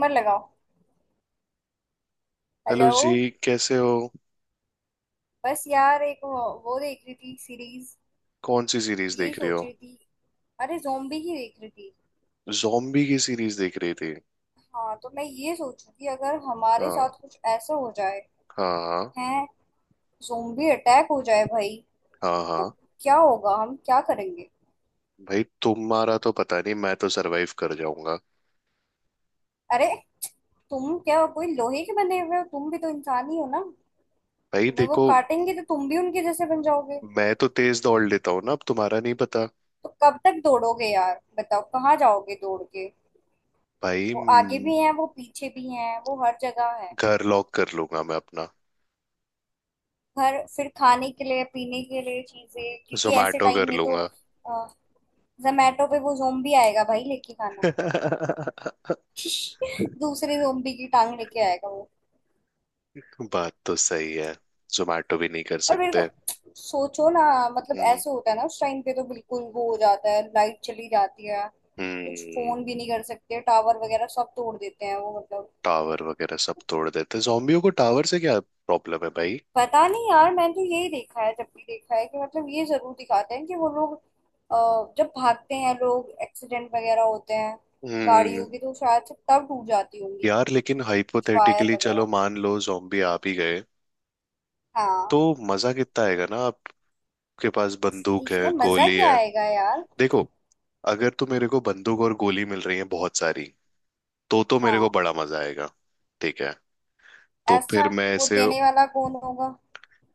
Timer लगाओ। Hello hello. जी। कैसे हो? बस यार एक वो देख रही थी सीरीज। कौन सी सीरीज यही देख रहे सोच हो? रही थी। अरे जोम्बी ही देख रही थी। जॉम्बी की सीरीज देख रही थी? हाँ तो मैं ये सोच रही थी, अगर हमारे हाँ। साथ कुछ ऐसा हो जाए। हाँ हाँ। हैं? जोम्बी अटैक हो जाए भाई। हाँ तो हाँ। क्या होगा, हम क्या करेंगे? भाई, तुम्हारा तो पता नहीं, मैं तो सरवाइव कर जाऊंगा। अरे, तुम क्या कोई लोहे के बने हुए हो, तुम भी तो इंसान ही हो ना। भाई तुम्हें वो देखो, काटेंगे तो तुम भी उनके जैसे बन जाओगे। मैं तो तेज दौड़ लेता हूँ ना। अब तुम्हारा नहीं पता। तो कब तक दौड़ोगे यार, बताओ कहाँ जाओगे दौड़ के। भाई वो आगे म, भी हैं, वो पीछे भी हैं, वो हर जगह है। घर लॉक कर लूंगा मैं अपना। घर फिर खाने के लिए पीने के लिए चीजें। क्योंकि ऐसे जोमैटो टाइम कर में तो। लूंगा। जोमेटो पे वो जोम्बी आएगा भाई लेके खाना। दूसरे जोम्बी की टांग लेके आएगा वो। बात तो सही है। जोमैटो भी नहीं कर और मेरे को सकते। सोचो ना। मतलब हम्म। ऐसे होता है ना, उस टाइम पे तो बिल्कुल वो हो जाता है, लाइट चली जाती है। कुछ फोन हम्म। भी नहीं कर सकते, टावर वगैरह सब तोड़ देते हैं वो, मतलब। टावर वगैरह सब तोड़ देते, जॉम्बियों को टावर से क्या प्रॉब्लम है भाई? पता नहीं यार, मैंने तो यही देखा है, जब भी देखा है कि मतलब ये जरूर दिखाते हैं कि वो लोग जब भागते हैं, लोग एक्सीडेंट वगैरह होते हैं। हम्म। गाड़ियों की तो शायद से तब टूट जाती होंगी यार लेकिन कुछ वायर हाइपोथेटिकली चलो, वगैरह। मान लो जोम्बी आ भी गए हाँ। तो मजा कितना आएगा ना? आपके पास बंदूक है, इसमें मजा गोली क्या है। आएगा यार। देखो, अगर तो मेरे को बंदूक और गोली मिल रही है बहुत सारी तो मेरे को हाँ। बड़ा मजा आएगा। ठीक है। तो अच्छा, फिर मैं वो ऐसे। देने वाला कौन होगा?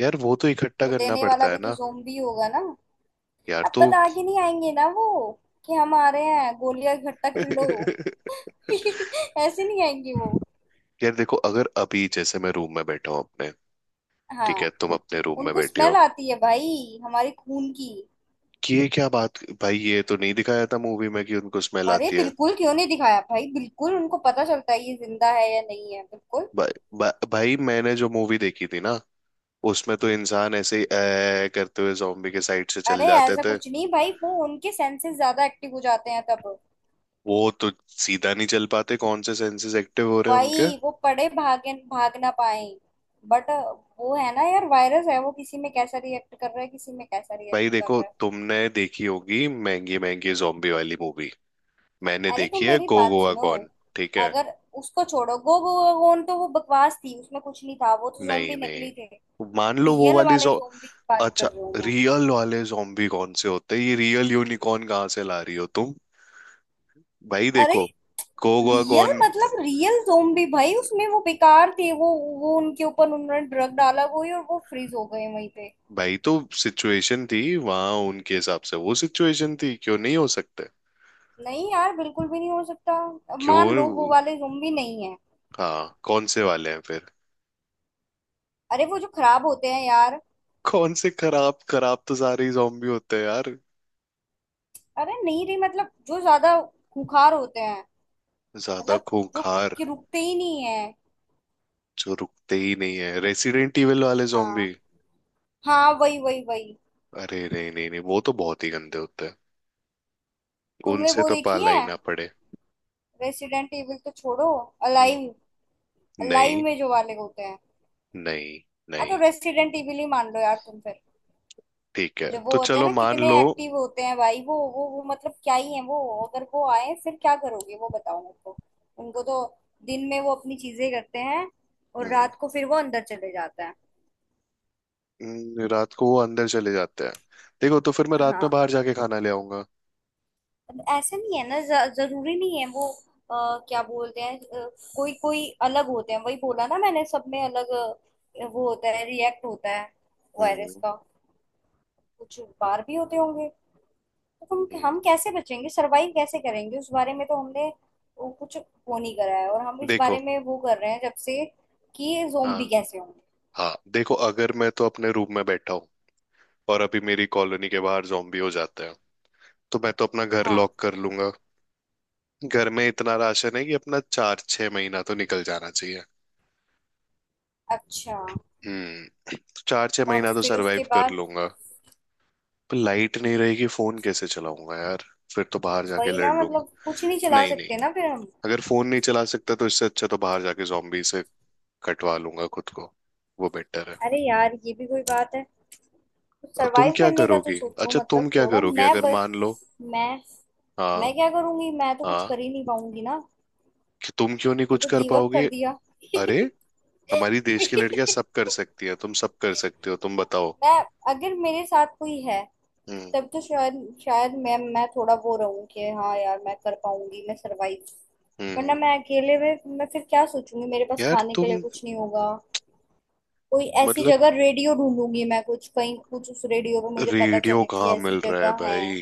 यार वो तो इकट्ठा वो करना देने वाला पड़ता है भी तो ना। ज़ोंबी होगा ना। यार अब तो। बता के नहीं आएंगे ना वो, कि हम आ रहे हैं, गोलियां इकट्ठा कर लो। ऐसे नहीं आएंगे वो। यार देखो, अगर अभी जैसे मैं रूम में बैठा हूँ अपने, ठीक है, हाँ। तुम अपने रूम में उनको बैठे स्मेल हो। आती है भाई हमारे खून की। कि ये क्या बात भाई, ये तो नहीं दिखाया था मूवी में कि उनको स्मेल अरे आती है। बिल्कुल, क्यों नहीं दिखाया भाई, बिल्कुल उनको पता चलता है ये जिंदा है या नहीं है, बिल्कुल। भा, भा, भाई मैंने जो मूवी देखी थी ना, उसमें तो इंसान ऐसे ही "ऐ" करते हुए जॉम्बी के साइड से चल अरे जाते ऐसा थे। कुछ नहीं भाई, वो उनके सेंसेस ज्यादा एक्टिव हो जाते हैं तब। वो तो सीधा नहीं चल पाते, कौन से सेंसेस एक्टिव हो रहे हैं उनके? भाई वो पड़े भागे भाग ना पाए। बट वो है ना यार, वायरस है वो, किसी में कैसा रिएक्ट कर रहा है, किसी में कैसा भाई रिएक्ट कर देखो, रहा है। तुमने देखी होगी महंगी महंगी जॉम्बी वाली मूवी। मैंने अरे तुम देखी है मेरी गो बात गोवा सुनो। कौन। ठीक है। अगर उसको छोड़ो, गो गो गोन तो वो बकवास थी, उसमें कुछ नहीं था, वो तो नहीं जोम्बी नकली थे। नहीं मान लो वो रियल वाली वाले जो। जोम्बी की बात कर अच्छा, रही हूँ मैं। रियल वाले जॉम्बी कौन से होते हैं? ये रियल यूनिकॉर्न कहाँ से ला रही हो तुम? भाई अरे देखो, गो गोवा रियल कौन। मतलब रियल ज़ोंबी भाई, उसमें वो बेकार थे वो। वो उनके ऊपर उन्होंने ड्रग डाला कोई, और वो फ्रीज हो गए वहीं पे। भाई तो सिचुएशन थी वहां, उनके हिसाब से वो सिचुएशन थी, क्यों नहीं हो सकते? नहीं यार बिल्कुल भी नहीं हो सकता। अब मान लो वो क्यों? वाले ज़ोंबी नहीं है। हाँ कौन से वाले हैं फिर? अरे वो जो खराब होते हैं यार। कौन से खराब? खराब तो सारे ही zombie होते हैं यार। अरे नहीं रे, मतलब जो ज्यादा खूंखार होते हैं। ज्यादा मतलब जो खूंखार? कि रुकते ही नहीं है। जो रुकते ही नहीं है, रेसिडेंट इविल वाले zombie। हाँ। हाँ वही, वही, वही। अरे नहीं नहीं नहीं, वो तो बहुत ही गंदे होते हैं। तुमने उनसे वो तो देखी पाला है? ही ना पड़े। रेसिडेंट इविल तो छोड़ो। हम्म, अलाइव। अलाइव नहीं। में जो वाले होते हैं। नहीं। हाँ तो नहीं रेसिडेंट इविल ही मान लो यार तुम फिर। ठीक है, जो वो तो होते हैं चलो ना, मान कितने लो। एक्टिव होते हैं भाई, वो मतलब क्या ही है वो। अगर वो आए फिर क्या करोगे, वो बताओ मेरे को। उनको तो दिन में वो अपनी चीजें करते हैं, और हम्म। रात को फिर वो अंदर चले जाते हैं। रात को वो अंदर चले जाते हैं। देखो, तो फिर मैं रात में हाँ। बाहर जाके खाना ले आऊंगा। अब ऐसा नहीं है ना, जरूरी नहीं है वो। क्या बोलते हैं कोई कोई अलग होते हैं, वही बोला ना मैंने, सब में अलग वो होता है, रिएक्ट होता है वायरस हम्म। का। कुछ बाहर भी होते होंगे। तो हम हम्म। कैसे बचेंगे, सरवाइव कैसे करेंगे, उस बारे में तो हमने वो कुछ वो नहीं करा है, और हम इस देखो। बारे में वो कर रहे हैं जब से कि हाँ ज़ोंबी कैसे होंगे। हाँ देखो, अगर मैं तो अपने रूम में बैठा हूँ और अभी मेरी कॉलोनी के बाहर जॉम्बी हो जाते हैं, तो मैं तो अपना घर हाँ। लॉक कर लूंगा। घर में इतना राशन है कि अपना चार छह महीना तो निकल जाना चाहिए। अच्छा। हम्म। चार छह और महीना तो फिर उसके सरवाइव कर बाद? लूंगा। पर लाइट नहीं रहेगी, फोन कैसे चलाऊंगा यार? फिर तो बाहर जाके वही ना, लड़ लूंगा। मतलब कुछ नहीं चला नहीं नहीं, सकते ना फिर हम। अगर फोन नहीं चला सकता तो इससे अच्छा तो बाहर जाके जॉम्बी से कटवा लूंगा खुद को। वो बेटर है। अरे यार ये भी कोई बात है। तो तुम सरवाइव क्या करने का तो करोगी? सोचो, अच्छा, तुम मतलब क्या थोड़ा करोगी अगर मान लो? मैं हाँ मैं क्या करूंगी, मैं तो कुछ हाँ। कर ही नहीं पाऊंगी ना। कि तुम क्यों नहीं मैं कुछ तो कर गिव अप पाओगे? कर दिया। अरे, हमारी देश की लड़कियां सब कर सकती है, तुम सब कर सकते हो, तुम बताओ। मैं, अगर मेरे साथ कोई है, हम्म। तब तो शायद, शायद मैं थोड़ा वो रहूं कि हाँ यार मैं कर पाऊंगी मैं सरवाइव। वरना हम्म। मैं अकेले में मैं फिर क्या सोचूंगी, मेरे पास यार खाने के लिए तुम। कुछ नहीं होगा। कोई ऐसी मतलब, जगह रेडियो ढूंढूंगी मैं, कुछ कहीं कुछ उस रेडियो पे मुझे पता रेडियो चले कि कहाँ ऐसी मिल रहा है जगह है। भाई?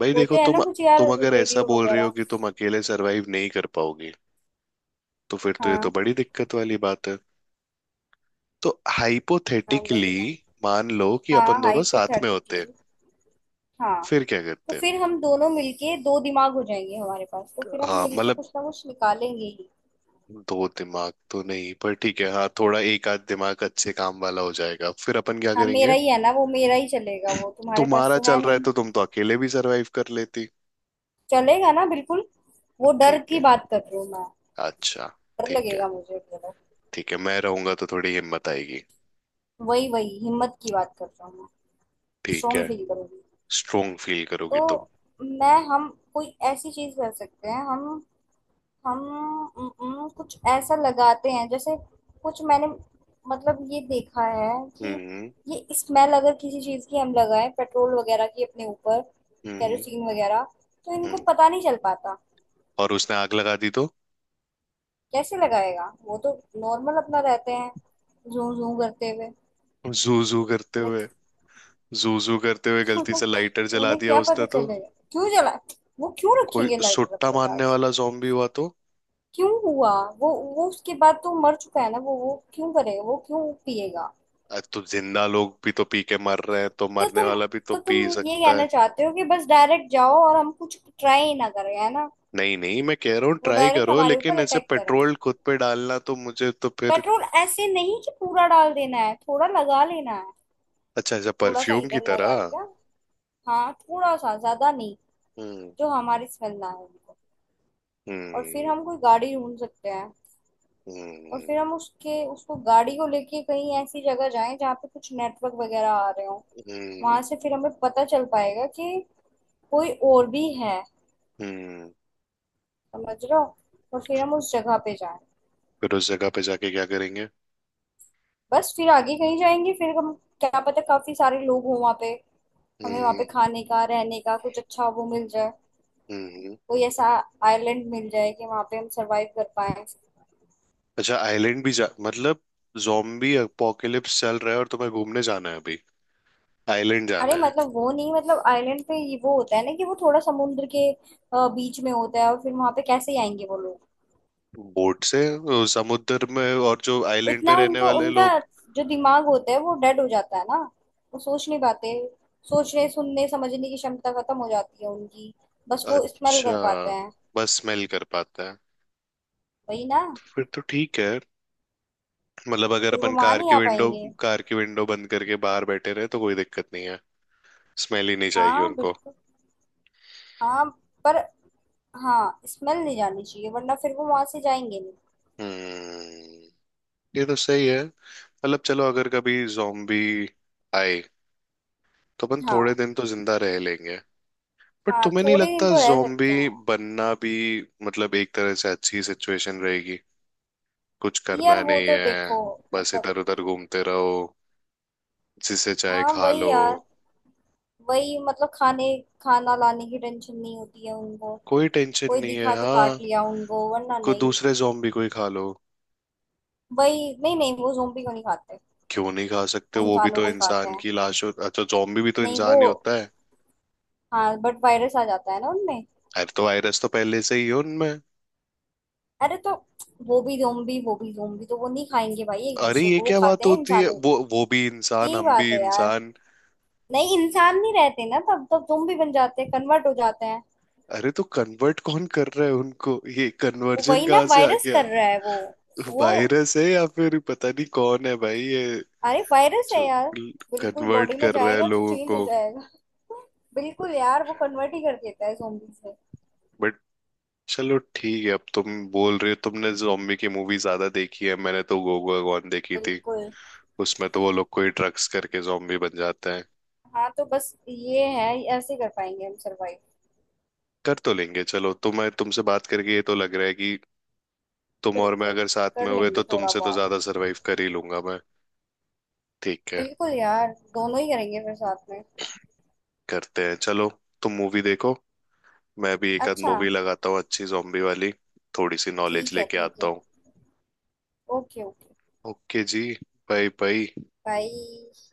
भाई देखो, होते हैं ना तुम। कुछ यार, तुम अगर ऐसा रेडियो बोल रही हो वगैरह। कि तुम अकेले सरवाइव नहीं कर पाओगे, तो फिर तो ये तो हाँ। बड़ी दिक्कत वाली बात है। तो हाँ वही हाइपोथेटिकली ना। मान लो कि हाँ, अपन दोनों साथ में होते, हाइपोथेटिकली। हाँ फिर क्या तो करते? फिर हम दोनों मिलके दो दिमाग हो जाएंगे हमारे पास, तो फिर हम हाँ मिलके मतलब, कुछ ना कुछ निकालेंगे ही। दो दिमाग तो नहीं, पर ठीक है, हाँ थोड़ा एक आध दिमाग अच्छे काम वाला हो जाएगा। फिर अपन क्या हाँ मेरा करेंगे? ही है ना वो, मेरा ही चलेगा, वो तुम्हारे पास तुम्हारा तो है चल रहा है नहीं। तो तुम तो अकेले भी सरवाइव कर लेती। चलेगा ना बिल्कुल। वो डर ठीक की है। बात कर रही हूँ मैं। अच्छा। डर ठीक है, लगेगा मुझे थोड़ा। ठीक है, मैं रहूंगा तो थोड़ी हिम्मत आएगी। वही, वही हिम्मत की बात कर रहा हूँ मैं। ठीक है। स्ट्रोंग फील करूंगी। स्ट्रोंग फील करोगी तुम। तो मैं हम कोई ऐसी चीज कर सकते हैं हम। हम कुछ ऐसा लगाते हैं जैसे, कुछ मैंने मतलब ये देखा है कि हम्म। ये स्मेल अगर किसी चीज की हम लगाएं, पेट्रोल वगैरह की अपने ऊपर, हम्म। कैरोसिन वगैरह, तो हम्म। इनको पता नहीं चल पाता। और उसने आग लगा दी तो? कैसे लगाएगा वो तो, नॉर्मल अपना रहते हैं जू जू करते हुए जू जू करते उन्हें। हुए? जू जू करते हुए गलती से लाइटर जला उन्हें दिया क्या पता उसने तो? चलेगा, क्यों जला। वो क्यों कोई रखेंगे लाइटर सुट्टा अपने मारने पास? वाला जॉम्बी हुआ तो? क्यों हुआ? वो वो उसके बाद तो मर चुका है ना वो क्यों करेगा, वो क्यों पिएगा। आज तो जिंदा लोग भी तो पी के मर रहे हैं, तो तो मरने तुम वाला भी तो तो तुम पी ये सकता है। कहना चाहते हो कि बस डायरेक्ट जाओ और हम कुछ ट्राई ही ना करें, है ना। नहीं नहीं, मैं कह रहा हूँ वो ट्राई डायरेक्ट करो, हमारे ऊपर लेकिन ऐसे अटैक करें। पेट्रोल खुद पे डालना तो मुझे तो फिर। पेट्रोल ऐसे नहीं कि पूरा डाल देना है, थोड़ा लगा लेना है। अच्छा, ऐसा थोड़ा सा परफ्यूम की इधर लगा तरह। लिया। हाँ थोड़ा सा, ज्यादा नहीं। हम्म। जो हमारी स्मेल ना आए उनको। और फिर हम्म। हम कोई गाड़ी ढूंढ सकते हैं। और हम्म। फिर हम उसके उसको गाड़ी को लेके कहीं ऐसी जगह जाएं जहाँ पे कुछ नेटवर्क वगैरह आ रहे हो। हम्म। वहां से फिर हमें पता चल पाएगा कि कोई और भी है। हम्म। समझ रहे हो। और फिर हम उस जगह पे जाएं। फिर उस जगह पे जाके क्या करेंगे? बस फिर आगे कहीं जाएंगे फिर हम। क्या पता काफी सारे लोग हों वहाँ पे। हमें वहाँ पे हम्म। खाने का रहने का कुछ अच्छा वो मिल जाए। हम्म। कोई ऐसा आइलैंड मिल जाए कि वहाँ पे हम सरवाइव कर पाए। अच्छा, आइलैंड भी जा मतलब? Zombie apocalypse चल रहा है और तुम्हें घूमने जाना है अभी? आइलैंड जाना अरे है? मतलब वो नहीं, मतलब आइलैंड पे ये वो होता है ना कि वो थोड़ा समुद्र के बीच में होता है, और फिर वहां पे कैसे आएंगे वो लोग। बोट से समुद्र में, और जो आइलैंड पे इतना रहने उनको वाले उनका लोग। जो दिमाग होता है वो डेड हो जाता है ना। वो सोच नहीं पाते। सोचने सुनने समझने की क्षमता खत्म हो जाती है उनकी। बस वो स्मेल कर अच्छा, पाते हैं। बस स्मेल कर पाता है? वही ना। फिर तो ठीक है। मतलब अगर फिर वो अपन वहां कार नहीं की आ विंडो। पाएंगे। कार की विंडो बंद करके बाहर बैठे रहे तो कोई दिक्कत नहीं है। स्मेल ही नहीं जाएगी हाँ उनको। बिल्कुल। हाँ। पर हाँ, स्मेल नहीं जानी चाहिए, वरना फिर वो वहां से जाएंगे नहीं। हम्म। ये तो सही है। मतलब चलो, अगर कभी zombie आए तो अपन थोड़े हाँ दिन तो जिंदा रह लेंगे। बट हाँ, तुम्हें नहीं थोड़े लगता दिन तो रह सकते zombie हैं। बनना भी, मतलब एक तरह से अच्छी सिचुएशन रहेगी? कुछ यार करना वो नहीं तो है, देखो बस मतलब। इधर उधर घूमते रहो, जिसे चाहे हाँ खा वही लो। यार। वही मतलब, खाने खाना लाने की टेंशन नहीं होती है उनको। कोई टेंशन कोई नहीं है दिखा तो हाँ। काट लिया उनको, वरना कोई नहीं। दूसरे zombie को ही खा लो। वही, नहीं नहीं, वो जोम्बी को नहीं खाते। क्यों नहीं खा सकते? वो वो भी इंसानों तो को ही खाते इंसान हैं। की लाश हो, अच्छा zombie भी तो नहीं वो, इंसान ही होता है। हाँ बट वायरस आ जाता है ना उनमें। अरे तो वायरस तो पहले से ही है उनमें। अरे तो वो भी जोम्बी, वो भी जोम्बी, तो वो नहीं खाएंगे भाई एक अरे दूसरे ये को, वो क्या खाते बात हैं होती है? इंसानों वो को। वो भी इंसान, यही हम बात भी है यार। इंसान। नहीं इंसान नहीं रहते ना, तब तब जोम्बी बन जाते हैं, कन्वर्ट हो जाते हैं। अरे तो कन्वर्ट कौन कर रहा है उनको? ये वो कन्वर्जन वही ना, कहाँ से आ वायरस कर गया? रहा है वो वो। वायरस है या फिर पता नहीं कौन है भाई ये, अरे वायरस है जो यार। बिल्कुल, कन्वर्ट बॉडी में कर रहा है जाएगा तो लोगों चेंज हो को। जाएगा। बिल्कुल यार, वो कन्वर्ट ही कर देता है zombies में। चलो ठीक है, अब तुम बोल रहे हो तुमने जॉम्बी की मूवी ज्यादा देखी है, मैंने तो गोगो गॉन देखी थी। बिल्कुल। उसमें तो वो लोग कोई ड्रग्स करके जॉम्बी बन जाते हैं। हाँ तो बस ये है। ऐसे कर पाएंगे हम सरवाइव। कर तो लेंगे चलो, तुम्हें तुमसे बात करके ये तो लग रहा है कि तुम और मैं बिल्कुल। अगर साथ कर में हुए लेंगे तो थोड़ा तुमसे तो बहुत। ज्यादा सरवाइव कर ही लूंगा मैं। ठीक है। बिल्कुल यार, दोनों ही करेंगे फिर साथ में। करते हैं चलो। तुम मूवी देखो, मैं भी एक आध अच्छा। मूवी लगाता हूँ अच्छी जॉम्बी वाली। थोड़ी सी नॉलेज ठीक है, लेके ठीक आता है। हूँ। Okay, okay. ओके जी। Bye bye. बाय।